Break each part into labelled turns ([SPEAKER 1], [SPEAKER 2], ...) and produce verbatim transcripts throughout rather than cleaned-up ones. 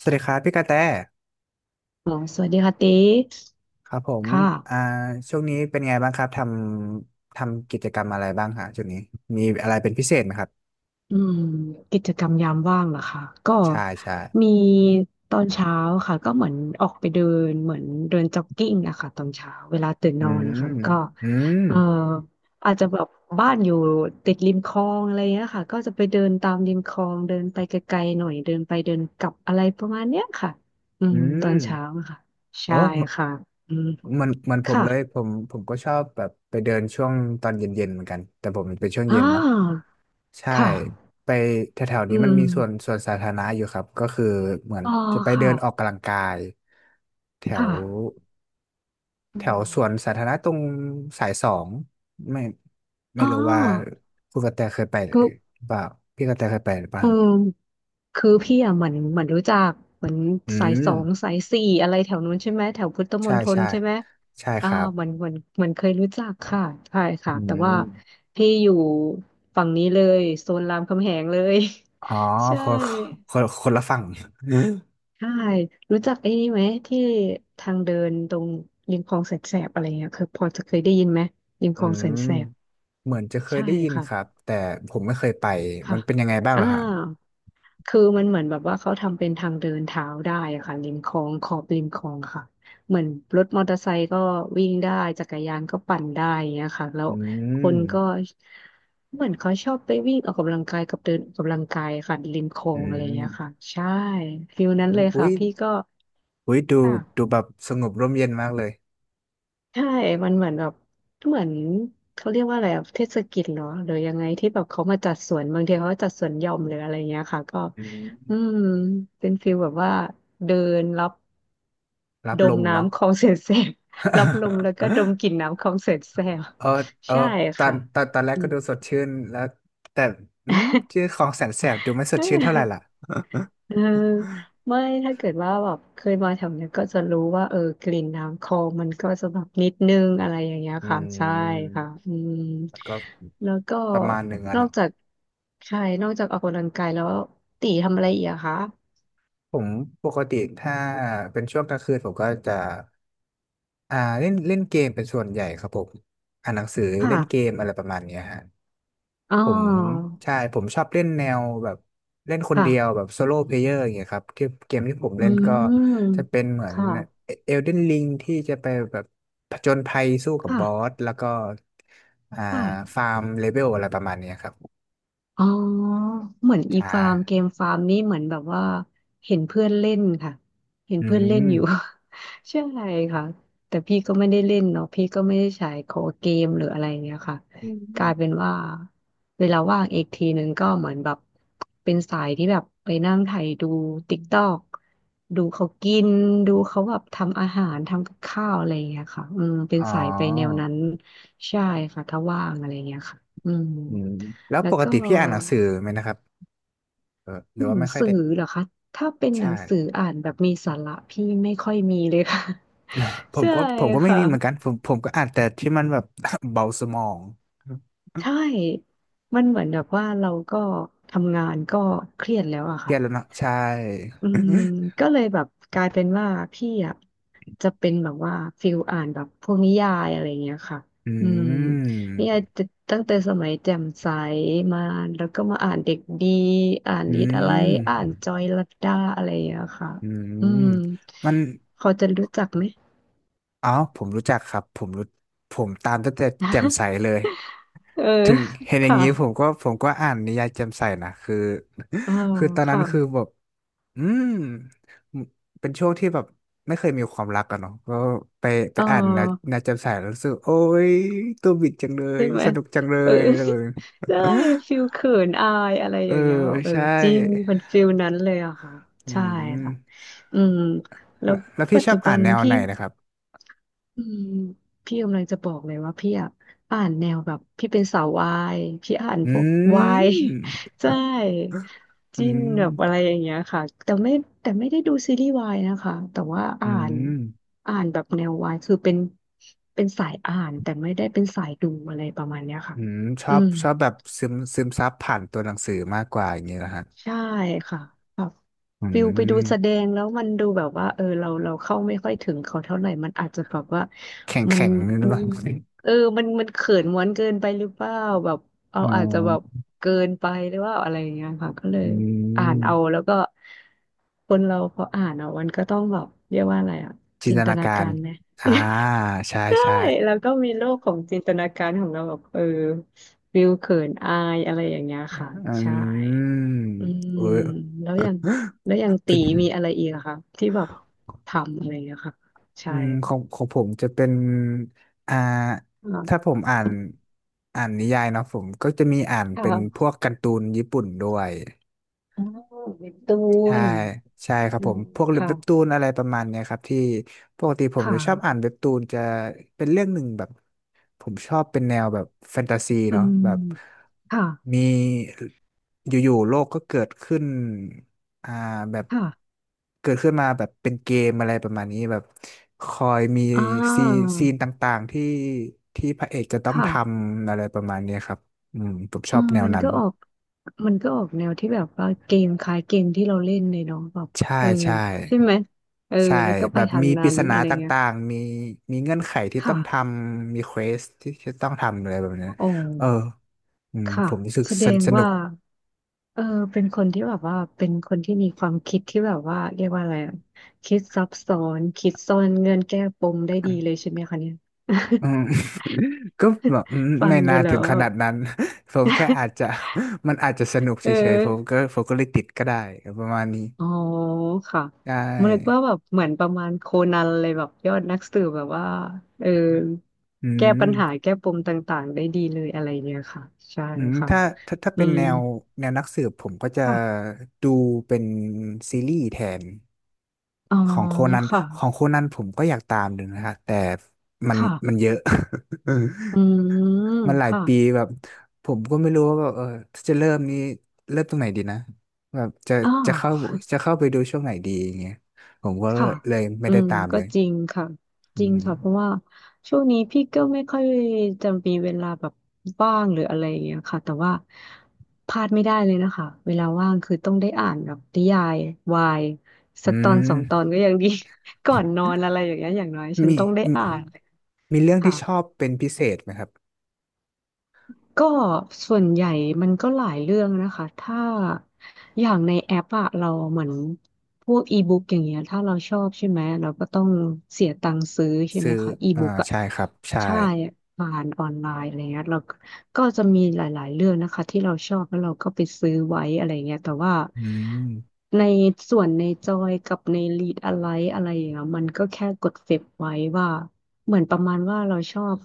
[SPEAKER 1] สวัสดีครับพี่กระแต
[SPEAKER 2] อ๋อสวัสดีค่ะติ๊ก
[SPEAKER 1] ครับผม
[SPEAKER 2] ค่ะ
[SPEAKER 1] อ่าช่วงนี้เป็นไงบ้างครับทำทำกิจกรรมอะไรบ้างฮะช่วงนี้มีอะไรเป็นพิเศษไหมครับ
[SPEAKER 2] อืมกิจกรรมยามว่างเหรอคะก็
[SPEAKER 1] ใช่ใช่
[SPEAKER 2] มีตอนเช้าค่ะก็เหมือนออกไปเดินเหมือนเดินจ็อกกิ้งอะค่ะตอนเช้าเวลาตื่น
[SPEAKER 1] อื
[SPEAKER 2] นอน
[SPEAKER 1] ม
[SPEAKER 2] นะคะก็
[SPEAKER 1] อืม
[SPEAKER 2] เอ่ออาจจะแบบบ้านอยู่ติดริมคลองอะไรเงี้ยค่ะก็จะไปเดินตามริมคลองเดินไปไกลๆหน่อยเดินไปเดินกลับอะไรประมาณเนี้ยค่ะอื
[SPEAKER 1] อื
[SPEAKER 2] มตอน
[SPEAKER 1] ม
[SPEAKER 2] เช้าอะค่ะ
[SPEAKER 1] โอ้
[SPEAKER 2] ใช่
[SPEAKER 1] เหมือน
[SPEAKER 2] ค่ะอืม
[SPEAKER 1] เหมันเหมันผม
[SPEAKER 2] ค่ะ
[SPEAKER 1] เลยผมผมก็ชอบแบบไปเดินช่วงตอนเย็นๆเหมือนกันแต่ผมเป็นช่วง
[SPEAKER 2] อ่า
[SPEAKER 1] เย็นเนาะใช่
[SPEAKER 2] ค่ะ
[SPEAKER 1] ไปแถวๆ
[SPEAKER 2] อื
[SPEAKER 1] นี้มันมีส่วน
[SPEAKER 2] ม
[SPEAKER 1] ส่วนสาธารณะอยู่ครับก็คือเหมือน
[SPEAKER 2] อ๋อ
[SPEAKER 1] จะไปเดิ
[SPEAKER 2] ค่ะ
[SPEAKER 1] นออกกำลังกายแถว
[SPEAKER 2] ค่ะ
[SPEAKER 1] แถ
[SPEAKER 2] อื
[SPEAKER 1] ว
[SPEAKER 2] ม
[SPEAKER 1] สวนสาธารณะตรงสายสองไม่ไม่
[SPEAKER 2] อ๋อ
[SPEAKER 1] รู้ว่าคุณกระแตเคยไปห
[SPEAKER 2] ก็
[SPEAKER 1] รือเปล่าพี่กระแตเคยไปหรือเปล่า
[SPEAKER 2] เออคือพี่อ่ะเหมือนเหมือนรู้จักเหมือน
[SPEAKER 1] อื
[SPEAKER 2] สาย
[SPEAKER 1] ม
[SPEAKER 2] สองสายสี่อะไรแถวนู้นใช่ไหมแถวพุทธม
[SPEAKER 1] ใช่
[SPEAKER 2] ณฑล
[SPEAKER 1] ใช่
[SPEAKER 2] ใช่ไหม
[SPEAKER 1] ใช่
[SPEAKER 2] อ่า
[SPEAKER 1] ครับ
[SPEAKER 2] เหมือนเหมือนเหมือนเคยรู้จักค่ะใช่ค่ะ
[SPEAKER 1] อื
[SPEAKER 2] แต่
[SPEAKER 1] ม
[SPEAKER 2] ว่าพี่อยู่ฝั่งนี้เลยโซนรามคำแหงเลย
[SPEAKER 1] อ๋อ
[SPEAKER 2] ใช
[SPEAKER 1] คน
[SPEAKER 2] ่
[SPEAKER 1] คนคนละฝั่งอืม
[SPEAKER 2] ใช่รู้จักไอ้นี่ไหมที่ทางเดินตรงริมคลองแสนแสบอะไรเงี้ยเคยพอจะเคยได้ยินไหมริมคลองแสนแสบ
[SPEAKER 1] เหมือนจะเคย
[SPEAKER 2] ใช่
[SPEAKER 1] ได้ยิน
[SPEAKER 2] ค่ะ
[SPEAKER 1] ครับแต่ผมไม่เคยไปมั
[SPEAKER 2] ค่ะ
[SPEAKER 1] นเป็นยังไงบ้าง
[SPEAKER 2] อ่า
[SPEAKER 1] เหรอครับ
[SPEAKER 2] คือมันเหมือนแบบว่าเขาทำเป็นทางเดินเท้าได้อะค่ะริมคลองขอบริมคลองค่ะเหมือนรถมอเตอร์ไซค์ก็วิ่งได้จักรยานก็ปั่นได้อย่างเงี้ยค่ะแล้ว
[SPEAKER 1] อื
[SPEAKER 2] คน
[SPEAKER 1] ม
[SPEAKER 2] ก็เหมือนเขาชอบไปวิ่งออกกำลังกายกับเดินออกกำลังกายค่ะริมคลอ
[SPEAKER 1] อื
[SPEAKER 2] งอะไรอย่างเงี้ยค่ะ
[SPEAKER 1] ม
[SPEAKER 2] ใช่ฟิลนั้น
[SPEAKER 1] อ
[SPEAKER 2] เล
[SPEAKER 1] ม
[SPEAKER 2] ย
[SPEAKER 1] อุ้
[SPEAKER 2] ค่ะ
[SPEAKER 1] ย
[SPEAKER 2] พี่ก็
[SPEAKER 1] อุ้ยดู
[SPEAKER 2] ค่ะ
[SPEAKER 1] ดูแบบสงบร่มเย็นมากเลย
[SPEAKER 2] ใช่ มันเหมือนแบบเหมือนเขาเรียกว่าอะไรอะเทศกิจเหรอหรือยังไงที่แบบเขามาจัดสวน บางทีเขาก็จัดสวนหย่อมหรืออะไรเงี้ยค่ะ ก็
[SPEAKER 1] อืม
[SPEAKER 2] อืมเป็นฟีลแบบว่าเดินรับ
[SPEAKER 1] รับ
[SPEAKER 2] ด
[SPEAKER 1] ล
[SPEAKER 2] ม
[SPEAKER 1] มเนาะ
[SPEAKER 2] น้ำคลองแสนแสบ รับลมแล้วก็ดม กลิ่นน้ำคลองแสนแสบ
[SPEAKER 1] เออเออ
[SPEAKER 2] ใช่
[SPEAKER 1] ตอน
[SPEAKER 2] ค่ะ
[SPEAKER 1] ตอนตอนแรก
[SPEAKER 2] อื
[SPEAKER 1] ก็
[SPEAKER 2] ม
[SPEAKER 1] ดูสดชื่นแล้วแต่อืมชื่อของแสนแสบดูไม่สดชื่นเท่าไหร่ล่ะ
[SPEAKER 2] เออไม่ถ้าเกิดว่าแบบเคยมาแถวเนี้ยก็จะรู้ว่าเออกลิ่นน้ำคลองมันก็จะแบบนิดนึงอะไรอย่างเงี้ย
[SPEAKER 1] อื
[SPEAKER 2] ค่ะใช่ค่ะ
[SPEAKER 1] ม
[SPEAKER 2] อืม
[SPEAKER 1] ก็
[SPEAKER 2] แล้วก็
[SPEAKER 1] ประมาณหนึ่งอะ
[SPEAKER 2] นอก
[SPEAKER 1] เนาะ
[SPEAKER 2] จากใช่นอกจากออกกำลังกายแล้วตีทำอะไรอีกอะคะ
[SPEAKER 1] ผมปกติถ้าเป็นช่วงกลางคืน ผมก็จะอ่าเล่นเล่นเกมเป็นส่วนใหญ่ครับผมอ่านหนังสือ
[SPEAKER 2] ค่ะ
[SPEAKER 1] เล่นเกมอะไรประมาณเนี้ยฮะ
[SPEAKER 2] อ๋อ
[SPEAKER 1] ผมใช่ผมชอบเล่นแนวแบบเล่นคน
[SPEAKER 2] ค่ะ
[SPEAKER 1] เดียวแบบโซโล่เพลเยอร์อย่างเงี้ยครับที่เกมที่ผม
[SPEAKER 2] อื
[SPEAKER 1] เล่นก็
[SPEAKER 2] ม
[SPEAKER 1] จะเป็นเหมือน
[SPEAKER 2] ค่ะ
[SPEAKER 1] เอลเดนลิงที่จะไปแบบผจญภัยสู้กับ
[SPEAKER 2] ค่ะ
[SPEAKER 1] บอสแล้วก็อ่า
[SPEAKER 2] ค่ะ
[SPEAKER 1] ฟาร์มเลเวลอะไรประมาณเนี้ยครับ
[SPEAKER 2] อ๋อเหมือนอี
[SPEAKER 1] ใช่
[SPEAKER 2] ฟาร์มเกมฟาร์มนี่เหมือนแบบว่าเห็นเพื่อนเล่นค่ะเห็น
[SPEAKER 1] อื
[SPEAKER 2] เพื่อนเล่
[SPEAKER 1] ม
[SPEAKER 2] นอยู่ ใช่ค่ะแต่พี่ก็ไม่ได้เล่นเนาะพี่ก็ไม่ได้ใช้โคดเกมหรืออะไรเนี้ยค่ะกลายเป็นว่าเวลาว่างอีกทีนึงก็เหมือนแบบเป็นสายที่แบบไปนั่งไถดูติ๊กตอกดูเขากินดูเขาแบบทำอาหารทำกับข้าวอะไรอเงี้ยค่ะอืมเป็น
[SPEAKER 1] อ๋อ
[SPEAKER 2] สายไปแนวนั้นใช่ค่ะถ้าว่างอะไรเงี้ยค่ะอืม
[SPEAKER 1] อืมแล้ว
[SPEAKER 2] แล้
[SPEAKER 1] ป
[SPEAKER 2] ว
[SPEAKER 1] ก
[SPEAKER 2] ก็
[SPEAKER 1] ติพี่อ่านหนังสือไหมนะครับเออหรือ
[SPEAKER 2] ห
[SPEAKER 1] ว่า
[SPEAKER 2] นัง
[SPEAKER 1] ไม่ค่อย
[SPEAKER 2] สื
[SPEAKER 1] ได้
[SPEAKER 2] อเหรอคะถ้าเป็นหนัง
[SPEAKER 1] ใช่
[SPEAKER 2] สืออ่านแบบมีสาระพี่ไม่ค่อยมีเลยค่ะ
[SPEAKER 1] ผ ม
[SPEAKER 2] ใช่
[SPEAKER 1] ก็ผมก็ไม่
[SPEAKER 2] ค่ะ
[SPEAKER 1] มีเหมือนกันผมผมก็อ่านแต่ที่มันแบบ เบาสมอง
[SPEAKER 2] ใช่มันเหมือนแบบว่าเราก็ทำงานก็เครียดแล้วอะ
[SPEAKER 1] เครี
[SPEAKER 2] ค่ะ
[SPEAKER 1] ยดแล้วเนาะใช่
[SPEAKER 2] อืม ก็เลยแบบกลายเป็นว่าพี่อ่ะจะเป็นแบบว่าฟิลอ่านแบบพวกนิยายอะไรเงี้ยค่ะ
[SPEAKER 1] อื
[SPEAKER 2] อืมนิยาย
[SPEAKER 1] ม
[SPEAKER 2] ตั้งแต่สมัยแจ่มใสมาแล้วก็มาอ่านเด็กดีอ่าน
[SPEAKER 1] อื
[SPEAKER 2] นิดอะไร
[SPEAKER 1] ม
[SPEAKER 2] อ่านจอยลัดดาอะไรอย่างเงี้ยค่ะ
[SPEAKER 1] อืม
[SPEAKER 2] อืม
[SPEAKER 1] มัน
[SPEAKER 2] เขาจะรู้จักไหม
[SPEAKER 1] อ๋อผมรู้จักครับผมรู้ผมตามตั้งแต่แจ่มใสเล ย
[SPEAKER 2] เออ
[SPEAKER 1] ถึงเห็นอย่าง
[SPEAKER 2] ค่ะ
[SPEAKER 1] นี้ผมก็ผมก็อ่านนิยายแจ่มใสนะคือ
[SPEAKER 2] อ๋อ
[SPEAKER 1] คือตอนนั้น
[SPEAKER 2] ค่ะ
[SPEAKER 1] คือแบบอืมเป็นช่วงที่แบบไม่เคยมีความรักอะเนาะก็ไปไป
[SPEAKER 2] เอ
[SPEAKER 1] อ่านนะ
[SPEAKER 2] อ
[SPEAKER 1] นะแจ่มใสแล้วรู้สึกโอ้ยตัวบิดจังเลย
[SPEAKER 2] ใช่ไหม
[SPEAKER 1] สนุกจังเล
[SPEAKER 2] เออ
[SPEAKER 1] ยอะไรแบบนี้
[SPEAKER 2] ได้ ฟิลเขินอายอะไร
[SPEAKER 1] เอ
[SPEAKER 2] อ
[SPEAKER 1] อ
[SPEAKER 2] ย่างเงี้ยแบบเออ
[SPEAKER 1] ใช่
[SPEAKER 2] จริงเป็นฟิลนั้นเลยอะค่ะ
[SPEAKER 1] อื
[SPEAKER 2] ใช่ค่ะ
[SPEAKER 1] ม
[SPEAKER 2] อืมแล้ว
[SPEAKER 1] แล้วแล้วพี่
[SPEAKER 2] ปัจ
[SPEAKER 1] ชอ
[SPEAKER 2] จุ
[SPEAKER 1] บ
[SPEAKER 2] บั
[SPEAKER 1] อ่าน
[SPEAKER 2] น
[SPEAKER 1] แนว
[SPEAKER 2] พี่
[SPEAKER 1] ไหนนะครับ
[SPEAKER 2] อืมพี่กำลังจะบอกเลยว่าพี่อ่ะอ่านแนวแบบพี่เป็นสาววายพี่อ่าน
[SPEAKER 1] อื
[SPEAKER 2] พวกวาย
[SPEAKER 1] ม
[SPEAKER 2] ใช่
[SPEAKER 1] อื
[SPEAKER 2] จิ้นแบบอะไร
[SPEAKER 1] ม
[SPEAKER 2] อย่างเงี้ยค่ะแต่ไม่แต่ไม่ได้ดูซีรีส์วายนะคะแต่ว่า
[SPEAKER 1] อื
[SPEAKER 2] อ่าน
[SPEAKER 1] ม
[SPEAKER 2] อ่านแบบแนววายคือเป็นเป็นสายอ่านแต่ไม่ได้เป็นสายดูอะไรประมาณเนี้ยค่ะ
[SPEAKER 1] อืมชอ
[SPEAKER 2] อื
[SPEAKER 1] บ
[SPEAKER 2] ม
[SPEAKER 1] ชอบแบบซึมซึมซับผ่านตัวหนังสือมากกว่าอย่างนี้นะฮะ
[SPEAKER 2] ใช่ค่ะแบบ
[SPEAKER 1] อื
[SPEAKER 2] ฟิลไปดูแสด
[SPEAKER 1] ม
[SPEAKER 2] งแล้วมันดูแบบว่าเออเราเราเข้าไม่ค่อยถึงเขาเท่าไหร่มันอาจจะแบบว่า
[SPEAKER 1] แข็ง
[SPEAKER 2] มัน
[SPEAKER 1] แข็งนี่หรือเป
[SPEAKER 2] มัน
[SPEAKER 1] ล่า
[SPEAKER 2] เออมันมันเขินม้วนเกินไปหรือเปล่าแบบเอา
[SPEAKER 1] อ๋
[SPEAKER 2] อาจจะแบบ
[SPEAKER 1] อ
[SPEAKER 2] เกินไปหรือว่าอะไรอย่างเงี้ยค่ะก็เลย
[SPEAKER 1] อื
[SPEAKER 2] อ่าน
[SPEAKER 1] ม
[SPEAKER 2] เอาแล้วก็คนเราพออ่านเอามันก็ต้องแบบเรียกว่าอะไรอ่ะ
[SPEAKER 1] จิน
[SPEAKER 2] จิ
[SPEAKER 1] ต
[SPEAKER 2] นต
[SPEAKER 1] นา
[SPEAKER 2] นา
[SPEAKER 1] กา
[SPEAKER 2] กา
[SPEAKER 1] ร
[SPEAKER 2] รไหม
[SPEAKER 1] อ่าใช่
[SPEAKER 2] ใช่
[SPEAKER 1] ใช่
[SPEAKER 2] แล้วก็มีโลกของจินตนาการของเราแบบเออฟิลเขินอายอะไรอย่างเงี้ยค่ะ
[SPEAKER 1] อื
[SPEAKER 2] ใช่
[SPEAKER 1] ม
[SPEAKER 2] อื
[SPEAKER 1] เอ
[SPEAKER 2] ม
[SPEAKER 1] อ
[SPEAKER 2] แล้วอย่างแล้วอย่างตี
[SPEAKER 1] เป็น
[SPEAKER 2] มีอะ ไรอีกอะคะที่แบบทำอะไรอย่างเงี้ยค่ะ
[SPEAKER 1] อื
[SPEAKER 2] ใช่
[SPEAKER 1] มของของผมจะเป็นอ่าถ้า
[SPEAKER 2] อ่า
[SPEAKER 1] ผมอ่านอ่านนิยายเนาะผมก็จะมีอ่านเป็นพ
[SPEAKER 2] ค่ะ
[SPEAKER 1] วกการ์ตูนญี่ปุ่นด้วย
[SPEAKER 2] อ๋อเป็นตู
[SPEAKER 1] ใช่
[SPEAKER 2] น
[SPEAKER 1] ใช่ครับ
[SPEAKER 2] อื
[SPEAKER 1] ผม
[SPEAKER 2] ม
[SPEAKER 1] พวก
[SPEAKER 2] ค่ะ
[SPEAKER 1] เว็บตูนอะไรประมาณเนี้ยครับที่ปกติผม
[SPEAKER 2] ค่ะ
[SPEAKER 1] จะชอบอ่านเว็บตูนจะเป็นเรื่องหนึ่งแบบ ผมชอบเป็นแนวแบบแฟนตาซี
[SPEAKER 2] อื
[SPEAKER 1] เนาะ
[SPEAKER 2] ม
[SPEAKER 1] แบบ
[SPEAKER 2] ค่ะ
[SPEAKER 1] มีอยู่ๆโลกก็เกิดขึ้นอ่าแบบ
[SPEAKER 2] ค่ะ
[SPEAKER 1] เกิดขึ้นมาแบบเป็นเกมอะไรประมาณนี้แบบคอยมี
[SPEAKER 2] อ่า
[SPEAKER 1] ซีซีนต่างๆที่ที่พระเอกจะต้อ
[SPEAKER 2] ค
[SPEAKER 1] งท
[SPEAKER 2] ่ะ
[SPEAKER 1] ำอะไรประมาณเนี้ยครับอืมผมช
[SPEAKER 2] อื
[SPEAKER 1] อบ
[SPEAKER 2] ม
[SPEAKER 1] แนว
[SPEAKER 2] มัน
[SPEAKER 1] นั้น
[SPEAKER 2] ก็ออกมันก็ออกแนวที่แบบว่าเกมคล้ายเกมที่เราเล่นเลยเนาะแบบ
[SPEAKER 1] ใช่
[SPEAKER 2] เออ
[SPEAKER 1] ใช่
[SPEAKER 2] ใช่ไหมเออ
[SPEAKER 1] ใช่
[SPEAKER 2] แล้วก็ไป
[SPEAKER 1] แบบ
[SPEAKER 2] ทาง
[SPEAKER 1] มีป
[SPEAKER 2] นั้
[SPEAKER 1] ริ
[SPEAKER 2] น
[SPEAKER 1] ศนา
[SPEAKER 2] อะไร
[SPEAKER 1] ต
[SPEAKER 2] เงี้ย
[SPEAKER 1] ่างๆมีมีเงื่อนไขที่
[SPEAKER 2] ค
[SPEAKER 1] ต้องท
[SPEAKER 2] ่ะ
[SPEAKER 1] ำมีเควสที่จะต้องทำอะไรแบบนี้น
[SPEAKER 2] อ๋อ
[SPEAKER 1] เอออืม
[SPEAKER 2] ค่ะ
[SPEAKER 1] ผมรู้สึก
[SPEAKER 2] แสด
[SPEAKER 1] สน
[SPEAKER 2] ง
[SPEAKER 1] สนุ
[SPEAKER 2] ว่า
[SPEAKER 1] ก
[SPEAKER 2] เออเป็นคนที่แบบว่าเป็นคนที่มีความคิดที่แบบว่าเรียกว่าอะไรอะคิดซับซ้อนคิดซ่อนเงื่อนแก้ปมได้ดีเลยใช่ไหมคะเนี่ย
[SPEAKER 1] อืม ก็แบบอืม
[SPEAKER 2] ฟัง
[SPEAKER 1] ไม่
[SPEAKER 2] ดู
[SPEAKER 1] นาน
[SPEAKER 2] แล้
[SPEAKER 1] ถึ
[SPEAKER 2] ว
[SPEAKER 1] งข
[SPEAKER 2] แบ
[SPEAKER 1] นา
[SPEAKER 2] บ
[SPEAKER 1] ดนั้น ผมแค่ อาจจะ มันอาจจะสนุกเฉ
[SPEAKER 2] เออ
[SPEAKER 1] ยๆผมก็ผมก็เลยติดก็ได้ประมาณนี้
[SPEAKER 2] อ๋อค่ะ
[SPEAKER 1] ได
[SPEAKER 2] มันนึกว่า
[SPEAKER 1] ้
[SPEAKER 2] แบบเหมือนประมาณโคนันเลยแบบยอดนักสืบแบบว่าเออ
[SPEAKER 1] อื
[SPEAKER 2] แก้
[SPEAKER 1] ม
[SPEAKER 2] ปัญหาแก้ปมต่างๆได้ดีเลยอะไรเนี่ยค่ะใช่
[SPEAKER 1] อืม
[SPEAKER 2] ค่ะ
[SPEAKER 1] ถ้าถ้าถ้า
[SPEAKER 2] อื
[SPEAKER 1] เป็น
[SPEAKER 2] ม
[SPEAKER 1] แนวแนวนักสืบผมก็จะ
[SPEAKER 2] ค่ะ
[SPEAKER 1] ดูเป็นซีรีส์แทน
[SPEAKER 2] อ๋อ
[SPEAKER 1] ของโคนัน
[SPEAKER 2] ค่ะ
[SPEAKER 1] ของโคนันผมก็อยากตามดูนะคะแต่มัน
[SPEAKER 2] ค่ะ
[SPEAKER 1] มันเยอะ
[SPEAKER 2] อื ม
[SPEAKER 1] มันหลาย
[SPEAKER 2] ค่ะ
[SPEAKER 1] ปีแบบผมก็ไม่รู้ว่าแบบเออถ้าจะเริ่มนี้เริ่มตรงไหนดีนะแบบจะ
[SPEAKER 2] อ่
[SPEAKER 1] จะเข้า
[SPEAKER 2] า
[SPEAKER 1] จะเข้าไปดูช่วงไหนดีอย่างเงี้ยผมก็
[SPEAKER 2] ค่ะ
[SPEAKER 1] เลยไม่
[SPEAKER 2] อื
[SPEAKER 1] ได้
[SPEAKER 2] ม
[SPEAKER 1] ตาม
[SPEAKER 2] ก็
[SPEAKER 1] เลย
[SPEAKER 2] จริงค่ะ
[SPEAKER 1] อื
[SPEAKER 2] จริง
[SPEAKER 1] ม
[SPEAKER 2] ค่ะเพราะว่าช่วงนี้พี่ก็ไม่ค่อยจะมีเวลาแบบว่างหรืออะไรอย่างเงี้ยค่ะแต่ว่าพลาดไม่ได้เลยนะคะเวลาว่างคือต้องได้อ่านแบบนิยายวาย
[SPEAKER 1] อื
[SPEAKER 2] สักตอนสองตอน
[SPEAKER 1] ม
[SPEAKER 2] ก็ยังดี ก่อนนอนอะไรอย่างเงี้ยอย่างน้อยฉัน
[SPEAKER 1] มี
[SPEAKER 2] ต้องได้
[SPEAKER 1] มี
[SPEAKER 2] อ่าน
[SPEAKER 1] มีเรื่อง
[SPEAKER 2] ค่ะ
[SPEAKER 1] ที่ชอบเป็นพิเศษไหมครับ
[SPEAKER 2] ก็ส่วนใหญ่มันก็หลายเรื่องนะคะถ้าอย่างในแอปอะเราเหมือนพวกอีบุ๊กอย่างเงี้ยถ้าเราชอบใช่ไหมเราก็ต้องเสียตังค์ซื้อใช่ไห
[SPEAKER 1] ซื้
[SPEAKER 2] ม
[SPEAKER 1] อ
[SPEAKER 2] คะอี
[SPEAKER 1] อ่า
[SPEAKER 2] บุ๊กอะ
[SPEAKER 1] ใช่ครับใช่
[SPEAKER 2] ใช่ผ่านออนไลน์อะไรเงี้ยเราก็ก็จะมีหลายๆเรื่องนะคะที่เราชอบแล้วเราก็ไปซื้อไว้อะไรเงี้ยแต่ว่า
[SPEAKER 1] อืม
[SPEAKER 2] ในส่วนในจอยกับในลีดอะไรอะไรอย่างเงี้ยมันก็แค่กดเฟซไว้ว่าเหมือนประมาณว่าเราชอบ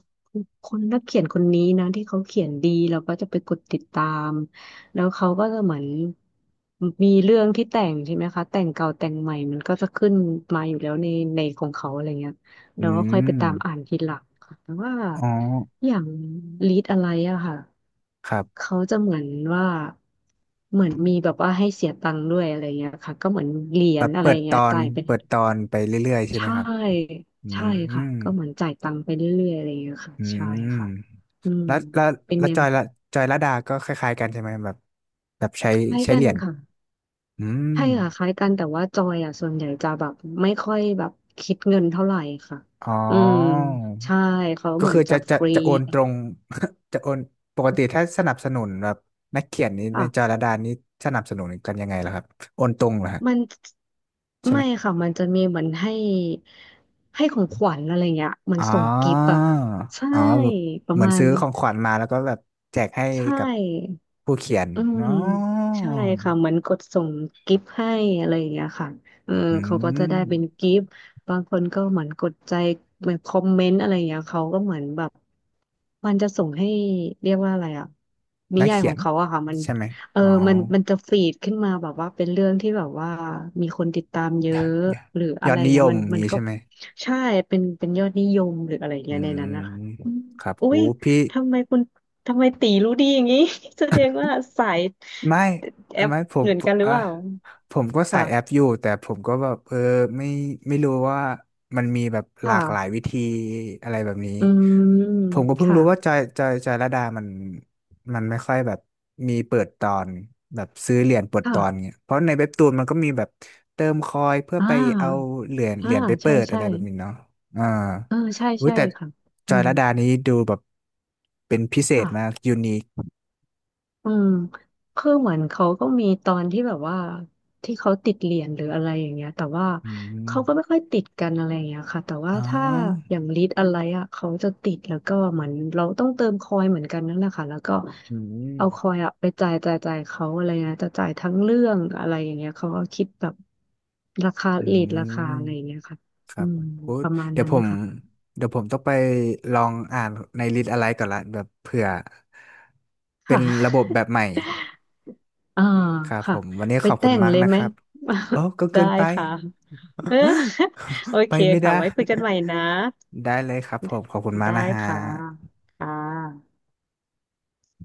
[SPEAKER 2] คนนักเขียนคนนี้นะที่เขาเขียนดีเราก็จะไปกดติดตามแล้วเขาก็จะเหมือนมีเรื่องที่แต่งใช่ไหมคะแต่งเก่าแต่งใหม่มันก็จะขึ้นมาอยู่แล้วในในของเขาอะไรเงี้ย
[SPEAKER 1] อื
[SPEAKER 2] เราก็ค่อยไปตามอ่า
[SPEAKER 1] ม
[SPEAKER 2] นทีหลังค่ะแต่ว่า
[SPEAKER 1] อ๋อ
[SPEAKER 2] อย่างลีดอะไรอะค่ะ
[SPEAKER 1] ครับ
[SPEAKER 2] เขาจะเหมือนว่าเหมือนมีแบบว่าให้เสียตังค์ด้วยอะไรเงี้ยค่ะก็เหมือนเหรีย
[SPEAKER 1] แบ
[SPEAKER 2] ญ
[SPEAKER 1] บ
[SPEAKER 2] อะไร
[SPEAKER 1] เปิดต
[SPEAKER 2] เงี้
[SPEAKER 1] อ
[SPEAKER 2] ย
[SPEAKER 1] น
[SPEAKER 2] จ่ายเป็น
[SPEAKER 1] เปิดตอนไปเรื่อยๆใช่
[SPEAKER 2] ใช
[SPEAKER 1] ไหมครับ
[SPEAKER 2] ่
[SPEAKER 1] อื
[SPEAKER 2] ใช่ค่ะ
[SPEAKER 1] ม
[SPEAKER 2] ก็เหมือนจ่ายตังค์ไปเรื่อยๆอะไรอย่างเงี้ยค่ะ
[SPEAKER 1] อื
[SPEAKER 2] ใช่
[SPEAKER 1] ม
[SPEAKER 2] ค่ะอืม
[SPEAKER 1] แล้วแล้ว
[SPEAKER 2] เป็น
[SPEAKER 1] แล้ว
[SPEAKER 2] แน
[SPEAKER 1] จ
[SPEAKER 2] ว
[SPEAKER 1] อยละจอยละดาก็คล้ายๆกันใช่ไหมแบบแบบใช้
[SPEAKER 2] คล้าย
[SPEAKER 1] ใช้
[SPEAKER 2] กั
[SPEAKER 1] เห
[SPEAKER 2] น
[SPEAKER 1] รียญ
[SPEAKER 2] ค่ะ
[SPEAKER 1] อืม
[SPEAKER 2] ใช่ค่ะคล้ายกันแต่ว่าจอยอ่ะส่วนใหญ่จะแบบไม่ค่อยแบบคิดเงินเท่าไหร่ค่ะ
[SPEAKER 1] อ๋อ
[SPEAKER 2] อืมใช่เขา
[SPEAKER 1] ก็
[SPEAKER 2] เหมือ
[SPEAKER 1] คื
[SPEAKER 2] น
[SPEAKER 1] อ
[SPEAKER 2] จะ
[SPEAKER 1] จะจะ
[SPEAKER 2] ฟรี
[SPEAKER 1] จะโอนตรง จะโอนปกติถ้าสนับสนุนแบบนักเขียนนี้ในจอย
[SPEAKER 2] ค่ะ
[SPEAKER 1] ละดานี้สนับสนุนกันยังไงล่ะครับโอนตรงเหรอฮะ
[SPEAKER 2] มัน
[SPEAKER 1] ใช่ไหม
[SPEAKER 2] ไม่ค่ะมันจะมีเหมือนให้ให้ของขวัญอะไรเงี้ยมัน
[SPEAKER 1] อ๋
[SPEAKER 2] ส่งกิฟต์อะ
[SPEAKER 1] อ
[SPEAKER 2] ค่ะใช่
[SPEAKER 1] อ๋อแบบ
[SPEAKER 2] ประ
[SPEAKER 1] เหมือน
[SPEAKER 2] มาณ
[SPEAKER 1] ซื้อ
[SPEAKER 2] นั้
[SPEAKER 1] ข
[SPEAKER 2] น
[SPEAKER 1] องขวัญมาแล้วก็แบบแจกให้
[SPEAKER 2] ใช
[SPEAKER 1] กับ
[SPEAKER 2] ่
[SPEAKER 1] ผู้เขียน
[SPEAKER 2] อืม
[SPEAKER 1] เนาะ
[SPEAKER 2] ใช่ค่ะเหมือนกดส่งกิฟต์ให้อะไรอย่างเงี้ยค่ะเออ
[SPEAKER 1] อื
[SPEAKER 2] เขาก็จะได้เป็น
[SPEAKER 1] ม
[SPEAKER 2] กิฟต์บางคนก็เหมือนกดใจเหมือนคอมเมนต์อะไรอย่างเงี้ยเขาก็เหมือนแบบมันจะส่งให้เรียกว่าอะไรอะนิ
[SPEAKER 1] นัก
[SPEAKER 2] ยาย
[SPEAKER 1] เขี
[SPEAKER 2] ขอ
[SPEAKER 1] ย
[SPEAKER 2] ง
[SPEAKER 1] น
[SPEAKER 2] เขาอะค่ะมัน
[SPEAKER 1] ใช่ไหม
[SPEAKER 2] เออ
[SPEAKER 1] อ๋อ
[SPEAKER 2] มันมันจะฟีดขึ้นมาแบบว่าเป็นเรื่องที่แบบว่ามีคนติดตามเย
[SPEAKER 1] ยอ
[SPEAKER 2] อะ
[SPEAKER 1] ดยอด
[SPEAKER 2] หรือ
[SPEAKER 1] ย
[SPEAKER 2] อะ
[SPEAKER 1] อ
[SPEAKER 2] ไร
[SPEAKER 1] ดนิย
[SPEAKER 2] เงี้ย
[SPEAKER 1] ม
[SPEAKER 2] มัน
[SPEAKER 1] อย่าง
[SPEAKER 2] มัน
[SPEAKER 1] นี้
[SPEAKER 2] ก็
[SPEAKER 1] ใช่ไหม
[SPEAKER 2] ใช่เป็นเป็นยอดนิยมหรืออะไร
[SPEAKER 1] อื
[SPEAKER 2] เงี้ยในนั้น
[SPEAKER 1] ม
[SPEAKER 2] นะคะอืม
[SPEAKER 1] ครับ
[SPEAKER 2] อุ้
[SPEAKER 1] โอ้
[SPEAKER 2] ย
[SPEAKER 1] พี่
[SPEAKER 2] ทำไมคุณ ทำไมตีรู้ดีอย่างนี้ แสดงว่าสาย
[SPEAKER 1] ไม่
[SPEAKER 2] แอป
[SPEAKER 1] ไม่ผ
[SPEAKER 2] เห
[SPEAKER 1] ม
[SPEAKER 2] มือนกันหรือ
[SPEAKER 1] อ่ะ
[SPEAKER 2] เปล่า
[SPEAKER 1] ผมก็ใส่แอป
[SPEAKER 2] ค่ะ
[SPEAKER 1] อยู่แต่ผมก็แบบเออไม่ไม่รู้ว่ามันมีแบบ
[SPEAKER 2] ค
[SPEAKER 1] หลากหลาย
[SPEAKER 2] ่ะ
[SPEAKER 1] วิธีอะไรแบบนี้
[SPEAKER 2] อืม
[SPEAKER 1] ผมก็เพิ่ง
[SPEAKER 2] ค่ะ
[SPEAKER 1] รู้ว่าจอยจอยจอยระดามันมันไม่ค่อยแบบมีเปิดตอนแบบซื้อเหรียญเปิดตอน
[SPEAKER 2] ค่ะ
[SPEAKER 1] เงี้ยเพราะในเว็บตูนมันก็มีแบบเติมคอยเพื่อ
[SPEAKER 2] อ่
[SPEAKER 1] ไปเอา
[SPEAKER 2] า
[SPEAKER 1] เหรียญเห
[SPEAKER 2] อ่า
[SPEAKER 1] รียญไปเปิ
[SPEAKER 2] ใช่
[SPEAKER 1] ดอะ
[SPEAKER 2] ใช่
[SPEAKER 1] ไรแบบนี้เนาะอ่า
[SPEAKER 2] เออ ใช่
[SPEAKER 1] อุ้ย
[SPEAKER 2] ใช่
[SPEAKER 1] แต่
[SPEAKER 2] ค่ะ
[SPEAKER 1] จ
[SPEAKER 2] อื
[SPEAKER 1] อย
[SPEAKER 2] ม
[SPEAKER 1] ระดานี้ดูแบบเป็นพิเศษมาก
[SPEAKER 2] ค่ะ
[SPEAKER 1] ยูนิค
[SPEAKER 2] อืมคือเหมือนเขาก็มีตอนที่แบบว่าที่เขาติดเหรียญหรืออะไรอย่างเงี้ยแต่ว่า
[SPEAKER 1] อื
[SPEAKER 2] เขาก็ไม่
[SPEAKER 1] ม
[SPEAKER 2] ค่อยติดกันอะไรอย่างเงี้ยค่ะแต่ว่า
[SPEAKER 1] อ๋อ
[SPEAKER 2] ถ้าอย่างลิตรอะไรอ่ะเขาจะติดแล้วก็เหมือนเราต้องเติมคอยเหมือนกันนั่นแหละค่ะแล้วก็
[SPEAKER 1] อืม
[SPEAKER 2] เอาคอยอ่ะไปจ่ายจ่ายจ่ายเขาอะไรเงี้ยจะจ่ายทั้งเรื่องอะไรอย่างเงี้ยเขาก็คิดแบบราคา
[SPEAKER 1] อื
[SPEAKER 2] ลิตรราคา
[SPEAKER 1] ม
[SPEAKER 2] อะไรอย่างเงี้ยค่ะ
[SPEAKER 1] ค
[SPEAKER 2] อื
[SPEAKER 1] รับผ
[SPEAKER 2] ม
[SPEAKER 1] มโอ้
[SPEAKER 2] ประมาณ
[SPEAKER 1] เดี๋ยว
[SPEAKER 2] นั้น
[SPEAKER 1] ผ
[SPEAKER 2] นะ
[SPEAKER 1] ม
[SPEAKER 2] คะ
[SPEAKER 1] เดี๋ยวผมต้องไปลองอ่านในลิสต์อะไรก่อนละแบบเผื่อเป็
[SPEAKER 2] ค่
[SPEAKER 1] นระบบแบบ
[SPEAKER 2] ะ
[SPEAKER 1] ใหม่
[SPEAKER 2] อ่า
[SPEAKER 1] ครับผ
[SPEAKER 2] ค่ะ
[SPEAKER 1] มวันนี้
[SPEAKER 2] ไป
[SPEAKER 1] ขอบคุ
[SPEAKER 2] แต่
[SPEAKER 1] ณ
[SPEAKER 2] ง
[SPEAKER 1] มาก
[SPEAKER 2] เลย
[SPEAKER 1] นะ
[SPEAKER 2] ไห
[SPEAKER 1] ค
[SPEAKER 2] ม
[SPEAKER 1] รับโอ้ก็ เกิ
[SPEAKER 2] ได้
[SPEAKER 1] นไป
[SPEAKER 2] ค่ะ เออ โอ
[SPEAKER 1] ไป
[SPEAKER 2] เค
[SPEAKER 1] ไม่ได้
[SPEAKER 2] ค่ะไว้คุยกันใหม่นะ
[SPEAKER 1] ได้เลยครับผมขอบคุณมาก
[SPEAKER 2] ได้
[SPEAKER 1] นะฮะ
[SPEAKER 2] ค่ะค่ะ